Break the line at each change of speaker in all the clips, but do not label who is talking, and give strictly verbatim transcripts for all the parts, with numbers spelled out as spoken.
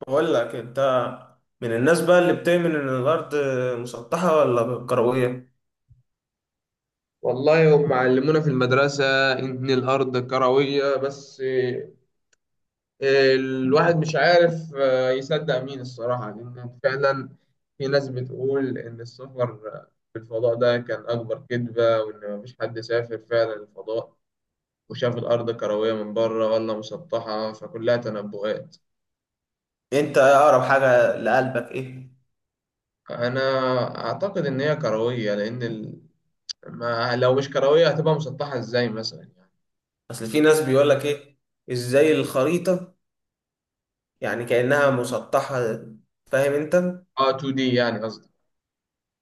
بقول لك انت من الناس بقى اللي بتؤمن ان الارض مسطحه ولا كرويه؟
والله هم علمونا في المدرسة إن الأرض كروية بس آه، الواحد مش عارف آه، يصدق مين الصراحة لأن فعلا في ناس بتقول إن السفر في الفضاء ده كان أكبر كذبة وإن مفيش حد سافر فعلا الفضاء وشاف الأرض كروية من بره ولا مسطحة، فكلها تنبؤات.
انت اقرب حاجه لقلبك ايه؟
أنا أعتقد إن هي كروية لأن ال... ما لو مش كروية هتبقى مسطحة إزاي مثلا يعني.
اصل في ناس بيقول لك ايه، ازاي الخريطه يعني كانها مسطحه، فاهم انت؟
آه تو دي يعني قصدي.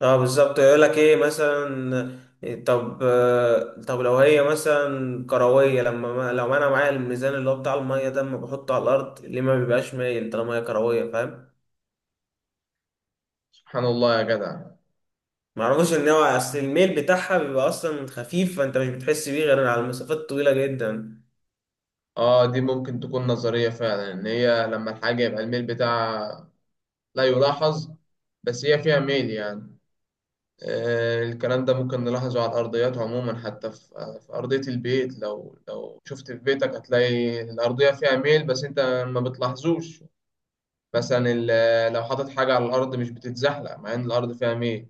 اه بالظبط، يقول لك ايه مثلا. طب، طب لو هي مثلا كرويه، لما ما- لو انا معايا الميزان اللي هو بتاع الميه ده، لما بحطه على الارض ليه ما بيبقاش مايل طالما هي كرويه، فاهم؟
سبحان الله يا جدع.
ما اعرفش ان هو اصل الميل بتاعها بيبقى اصلا خفيف، فانت مش بتحس بيه غير على المسافات الطويله جدا.
اه دي ممكن تكون نظرية فعلا، ان هي لما الحاجة يبقى الميل بتاعها لا يلاحظ، بس هي فيها ميل يعني. آه الكلام ده ممكن نلاحظه على الأرضيات عموما، حتى في, آه، في أرضية البيت. لو لو شفت في بيتك هتلاقي الأرضية فيها ميل، بس انت ما بتلاحظوش. مثلا ال- لو حاطط حاجة على الأرض مش بتتزحلق مع ان الأرض فيها ميل،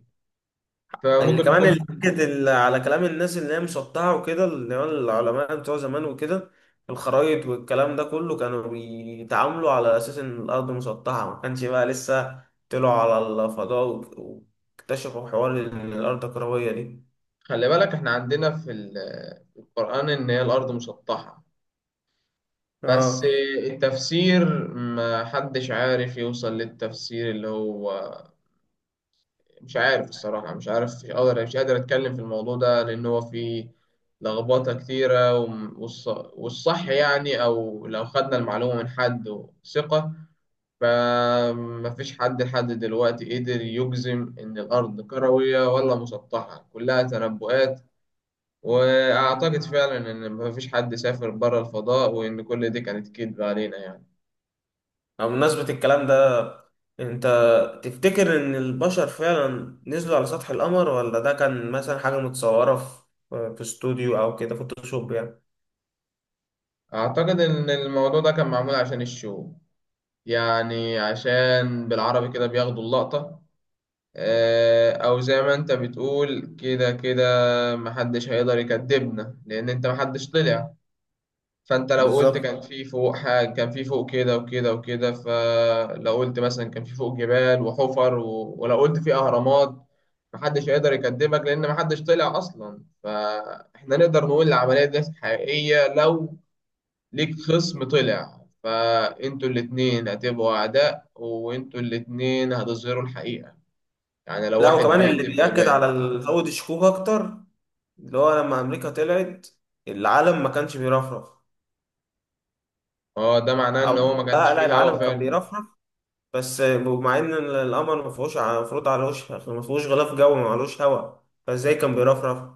اللي
فممكن
كمان اللي
تكون.
اكد ال- على كلام الناس اللي هي مسطحه وكده، اللي هو العلماء بتوع زمان وكده، الخرايط والكلام ده كله كانوا بيتعاملوا على اساس ان الارض مسطحه، ما كانش بقى لسه طلعوا على الفضاء و- واكتشفوا حوار ان الارض كرويه دي.
خلي بالك احنا عندنا في ال- في القرآن ان هي الأرض مسطحة، بس
اه.
التفسير ما حدش عارف يوصل للتفسير، اللي هو مش عارف الصراحة، مش عارف، مش قادر مش قادر أتكلم في الموضوع ده لأن هو فيه لخبطة كتيرة، وم- والص- والصح يعني، أو لو خدنا المعلومة من حد ثقة. فمفيش حد لحد دلوقتي قدر يجزم إن الأرض كروية ولا مسطحة، كلها تنبؤات. وأعتقد فعلا إن مفيش حد سافر بره الفضاء وإن كل دي كانت كذب علينا يعني.
أو بمناسبة الكلام ده، انت تفتكر ان البشر فعلا نزلوا على سطح القمر، ولا ده كان مثلا حاجة متصورة في في استوديو او كده فوتوشوب يعني؟
أعتقد إن الموضوع ده كان معمول عشان الشو، يعني عشان بالعربي كده بياخدوا اللقطة. آه، أو زي ما أنت بتقول كده كده، محدش هيقدر يكدبنا لأن أنت محدش طلع. فأنت لو قلت
بالظبط.
كان في فوق حاجة، كان في فوق كده وكده وكده، فلو قلت مثلا كان في فوق جبال وحفر و... ولو قلت في أهرامات، محدش هيقدر يكدبك لأن محدش طلع أصلا. فإحنا نقدر نقول العملية دي حقيقية لو ليك خصم طلع، فانتوا الاتنين هتبقوا اعداء وانتوا الاتنين هتظهروا الحقيقة، يعني لو
لا
واحد
وكمان اللي
بيكذب
بيأكد
هيبان.
على ال- زود الشكوك اكتر، اللي هو لما امريكا طلعت العالم ما كانش بيرفرف.
اه ده معناه ان
او،
هو ما كانش
لا لا
فيه هوا
العالم كان
فعلا.
بيرفرف، بس مع ان القمر ما فيهوش ع- المفروض على وش ما فيهوش غلاف جوي ما عليهوش هواء، فازاي كان بيرفرف؟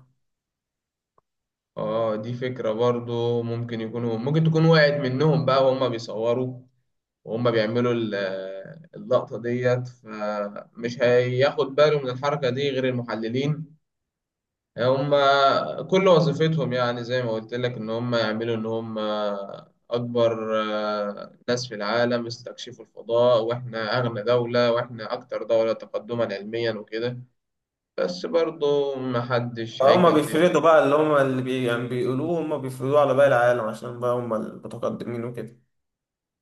اه دي فكرة برضو، ممكن يكونوا، ممكن تكون وقعت منهم بقى وهم بيصوروا وهم بيعملوا ال- اللقطة ديت، فمش هياخد باله من الحركة دي غير المحللين. هم كل وظيفتهم يعني زي ما قلت لك ان هم يعملوا ان هم اكبر آه، ناس في العالم استكشفوا الفضاء، واحنا اغنى دولة واحنا اكتر دولة تقدما علميا وكده، بس برضو محدش
هما
هيكذب.
بيفردوا بقى اللي هما اللي بي يعني بيقولوه هما بيفردوه على باقي العالم عشان بقى هما المتقدمين وكده.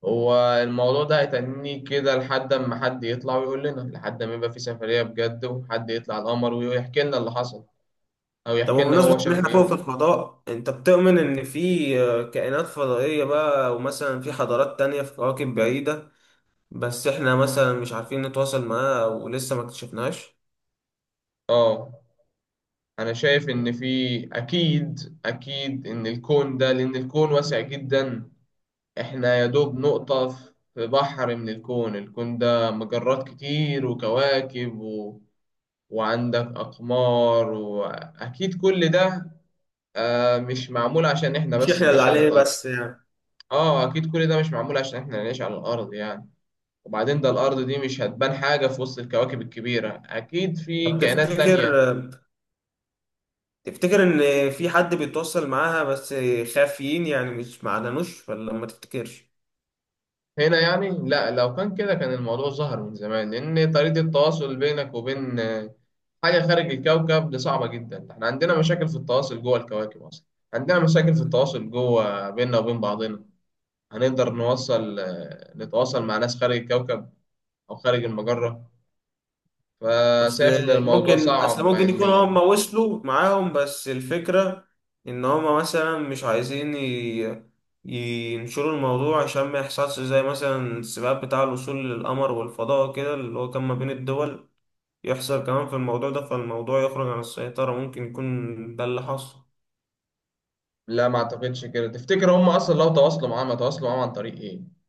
هو الموضوع ده هيتنيه كده لحد اما حد يطلع ويقول لنا، لحد ما يبقى في سفرية بجد وحد يطلع القمر ويحكي لنا اللي حصل، او
طب
يحكي لنا
وبمناسبة
هو
إن
شاف
إحنا فوق
ايه.
في الفضاء، أنت بتؤمن إن في آه، كائنات فضائية بقى ومثلا في حضارات تانية في كواكب بعيدة، بس إحنا مثلا مش عارفين نتواصل معاها ولسه ما اكتشفناهاش؟
اه أنا شايف إن في، أكيد أكيد إن الكون ده، لأن الكون واسع جدا، إحنا يا دوب نقطة في بحر من الكون. الكون ده مجرات كتير وكواكب و... وعندك أقمار، وأكيد كل ده آه مش معمول عشان إحنا
مش
بس
إحنا اللي
نعيش على
عليه
الأرض.
بس يعني.
آه أكيد كل ده مش معمول عشان إحنا نعيش على الأرض يعني. وبعدين ده الأرض دي مش هتبان حاجة في وسط الكواكب الكبيرة، أكيد في
طب
كائنات
تفتكر
تانية.
آه، تفتكر إن في حد بيتواصل معاها بس خافيين يعني مش معلنوش، ولا ما تفتكرش؟
هنا يعني لا، لو كان كده كان الموضوع ظهر من زمان، لأن طريقة التواصل بينك وبين آه، حاجة خارج الكوكب دي صعبة جدا. احنا عندنا مشاكل في التواصل جوه الكواكب أصلا، عندنا مشاكل في التواصل جوه بيننا وبين بعضنا، هنقدر نوصل آه، نتواصل مع ناس خارج الكوكب أو خارج المجرة؟
اصل
فشايف إن الموضوع
ممكن، اصل
صعب
ممكن يكون هم
علميا.
وصلوا معاهم، بس الفكرة ان هم مثلا مش عايزين ي... ينشروا الموضوع عشان ما يحصلش زي مثلا السباق بتاع الوصول للقمر والفضاء كده اللي هو كان ما بين الدول، يحصل كمان في الموضوع ده فالموضوع يخرج عن السيطرة، ممكن يكون ده اللي حصل.
لا ما أعتقدش كده. تفتكر هم أصلا لو تواصلوا معاهم هيتواصلوا معاهم عن طريق إيه؟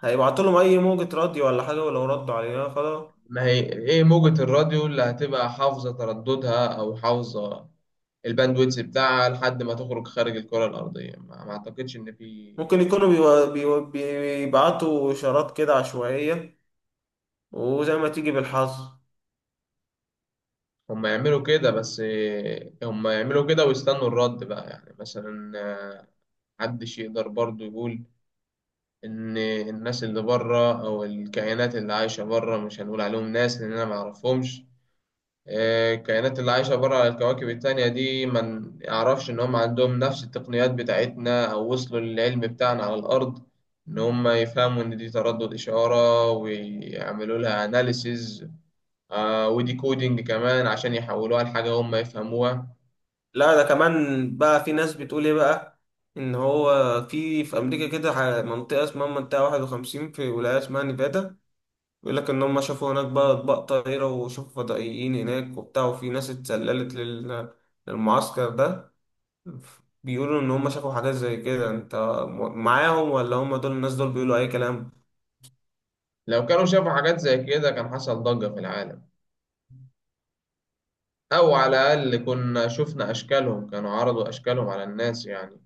هيبعتوا لهم اي موجة راديو ولا حاجة، ولو ردوا علينا خلاص.
ما هي ايه، موجة الراديو اللي هتبقى حافظة ترددها او حافظة الباندويتس بتاعها لحد ما تخرج خارج الكرة الأرضية؟ ما ما أعتقدش إن في.
ممكن يكونوا بيو- بيو- بيبعتوا إشارات كده عشوائية، وزي ما تيجي بالحظ.
هم يعملوا كده بس إيه، هم يعملوا كده ويستنوا الرد بقى، يعني مثلا آه، محدش يقدر برضو يقول إن الناس اللي بره أو الكائنات اللي عايشة بره، مش هنقول عليهم ناس لأن أنا معرفهمش، الكائنات اللي عايشة بره على الكواكب التانية دي، ما يعرفش إن هم عندهم نفس التقنيات بتاعتنا أو وصلوا للعلم بتاعنا على الأرض، إن هم يفهموا إن دي تردد إشارة ويعملوا لها أناليسيز، ودي كودينج كمان عشان يحولوها لحاجة هم يفهموها.
لا ده كمان بقى في ناس بتقول ايه بقى، ان هو في في امريكا كده ح- منطقه اسمها منطقه واحد وخمسين في ولايه اسمها نيفادا، بيقول لك ان هم شافوا هناك بقى اطباق طايره وشافوا فضائيين هناك وبتاع، وفي ناس اتسللت لل- للمعسكر ده، بيقولوا ان هم شافوا حاجات زي كده. انت م- معاهم ولا هم دول الناس دول بيقولوا اي كلام؟
لو كانوا شافوا حاجات زي كده كان حصل ضجة في العالم، أو على الأقل كنا شفنا أشكالهم، كانوا عرضوا أشكالهم على الناس يعني.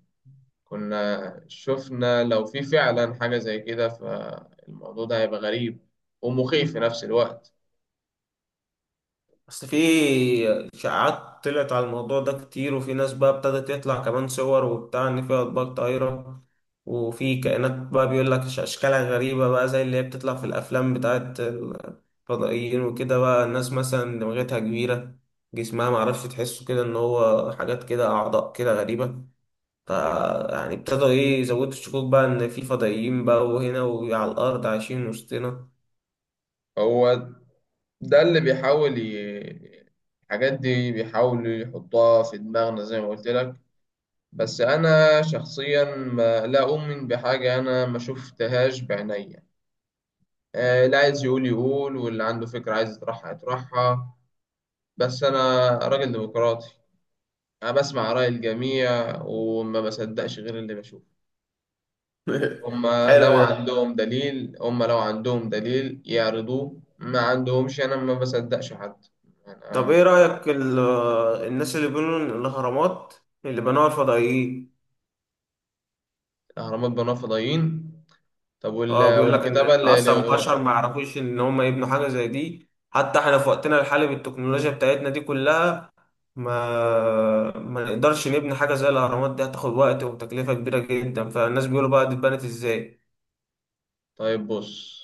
كنا شفنا لو في فعلا حاجة زي كده، فالموضوع ده هيبقى غريب ومخيف في نفس الوقت.
اصل في اشاعات طلعت على الموضوع ده كتير، وفي ناس بقى ابتدت يطلع كمان صور وبتاع ان في اطباق طايره وفي كائنات بقى بيقول لك أش- اشكالها غريبه بقى زي اللي هي بتطلع في الافلام بتاعت الفضائيين وكده، بقى الناس مثلا دماغتها كبيره، جسمها معرفش تحسه كده ان هو حاجات كده اعضاء كده غريبه. ف يعني ابتدوا ايه يزودوا الشكوك بقى ان في فضائيين بقى وهنا وعلى الارض عايشين وسطنا.
هو ده اللي بيحاول ي... الحاجات دي بيحاولوا يحطها في دماغنا زي ما قلت لك. بس أنا شخصيا ما لا أؤمن بحاجة أنا ما شفتهاش بعينيا. آه، اللي عايز يقول يقول، واللي عنده فكرة عايز يطرحها يطرحها، بس أنا راجل ديمقراطي، أنا بسمع رأي الجميع وما بصدقش غير اللي بشوفه. هما لو
حلو ده.
عندهم دليل هما لو عندهم دليل يعرضوه، ما عندهمش، أنا ما بصدقش حد.
طب ايه
أنا
رأيك ال- الناس اللي بيقولوا ان الاهرامات اللي بنوها الفضائيين؟
الأهرامات بنوها فضائيين؟ طب
اه
وال...
بيقول لك ان
والكتابة اللي...
اصلا
اللي-
البشر ما يعرفوش ان هم يبنوا حاجة زي دي، حتى احنا في وقتنا الحالي بالتكنولوجيا بتاعتنا دي كلها ما ما نقدرش نبني حاجة زي الاهرامات دي، هتاخد وقت وتكلفة كبيرة جدا، فالناس بيقولوا بقى دي اتبنت ازاي.
طيب بص،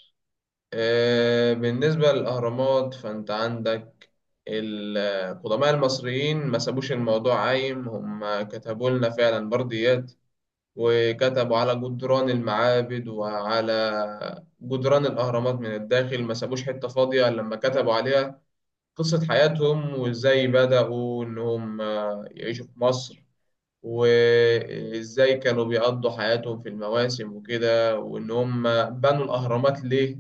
آه، بالنسبة للأهرامات فأنت عندك القدماء المصريين ما سابوش الموضوع عايم، هم كتبوا لنا فعلا برديات، وكتبوا على جدران المعابد وعلى جدران الأهرامات من الداخل، ما سابوش حتة فاضية لما كتبوا عليها قصة حياتهم وإزاي بدأوا إنهم آه، يعيشوا في مصر، وإزاي كانوا بيقضوا حياتهم في المواسم وكده، وإن هم بنوا الأهرامات ليه.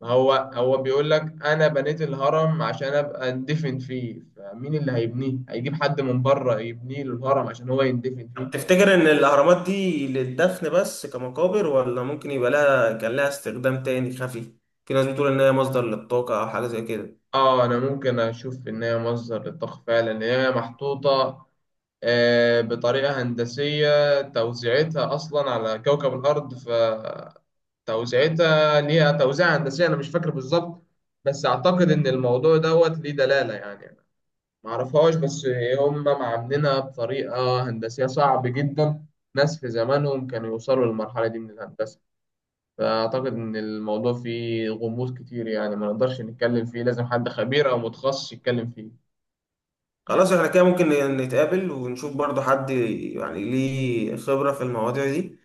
ما هو هو بيقول لك أنا بنيت الهرم عشان أبقى أندفن فيه، فمين اللي هيبنيه؟ هيجيب حد من بره يبنيه له الهرم عشان هو يندفن
طب
فيه؟
تفتكر ان الاهرامات دي للدفن بس كمقابر، ولا ممكن يبقى لها كان لها استخدام تاني خفي؟ في ناس بتقول ان هي مصدر للطاقة او حاجة زي كده.
آه أنا ممكن أشوف إن هي مصدر للطاقة فعلا، إن هي محطوطة آه، بطريقة هندسية، توزيعتها أصلا على كوكب الأرض، ف توزيعتها ليها توزيع هندسي، انا مش فاكر بالظبط، بس اعتقد ان الموضوع دوت ليه دلاله يعني. أنا ما اعرفهاش، بس هم معاملينها بطريقه هندسيه صعب جدا ناس في زمانهم كانوا يوصلوا للمرحله دي من الهندسه. فاعتقد ان الموضوع فيه غموض كتير يعني، ما نقدرش نتكلم فيه، لازم حد خبير او متخصص يتكلم فيه.
خلاص احنا كده ممكن نتقابل ونشوف برضو حد يعني ليه خبرة في المواضيع دي،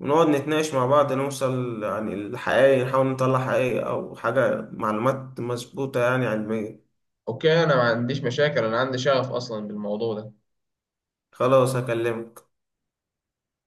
ونقعد نتناقش مع بعض نوصل يعني الحقيقة، نحاول نطلع حقيقة أو حاجة معلومات مظبوطة يعني علمية.
اوكي انا ما عنديش مشاكل، انا عندي شغف اصلا بالموضوع ده.
خلاص هكلمك.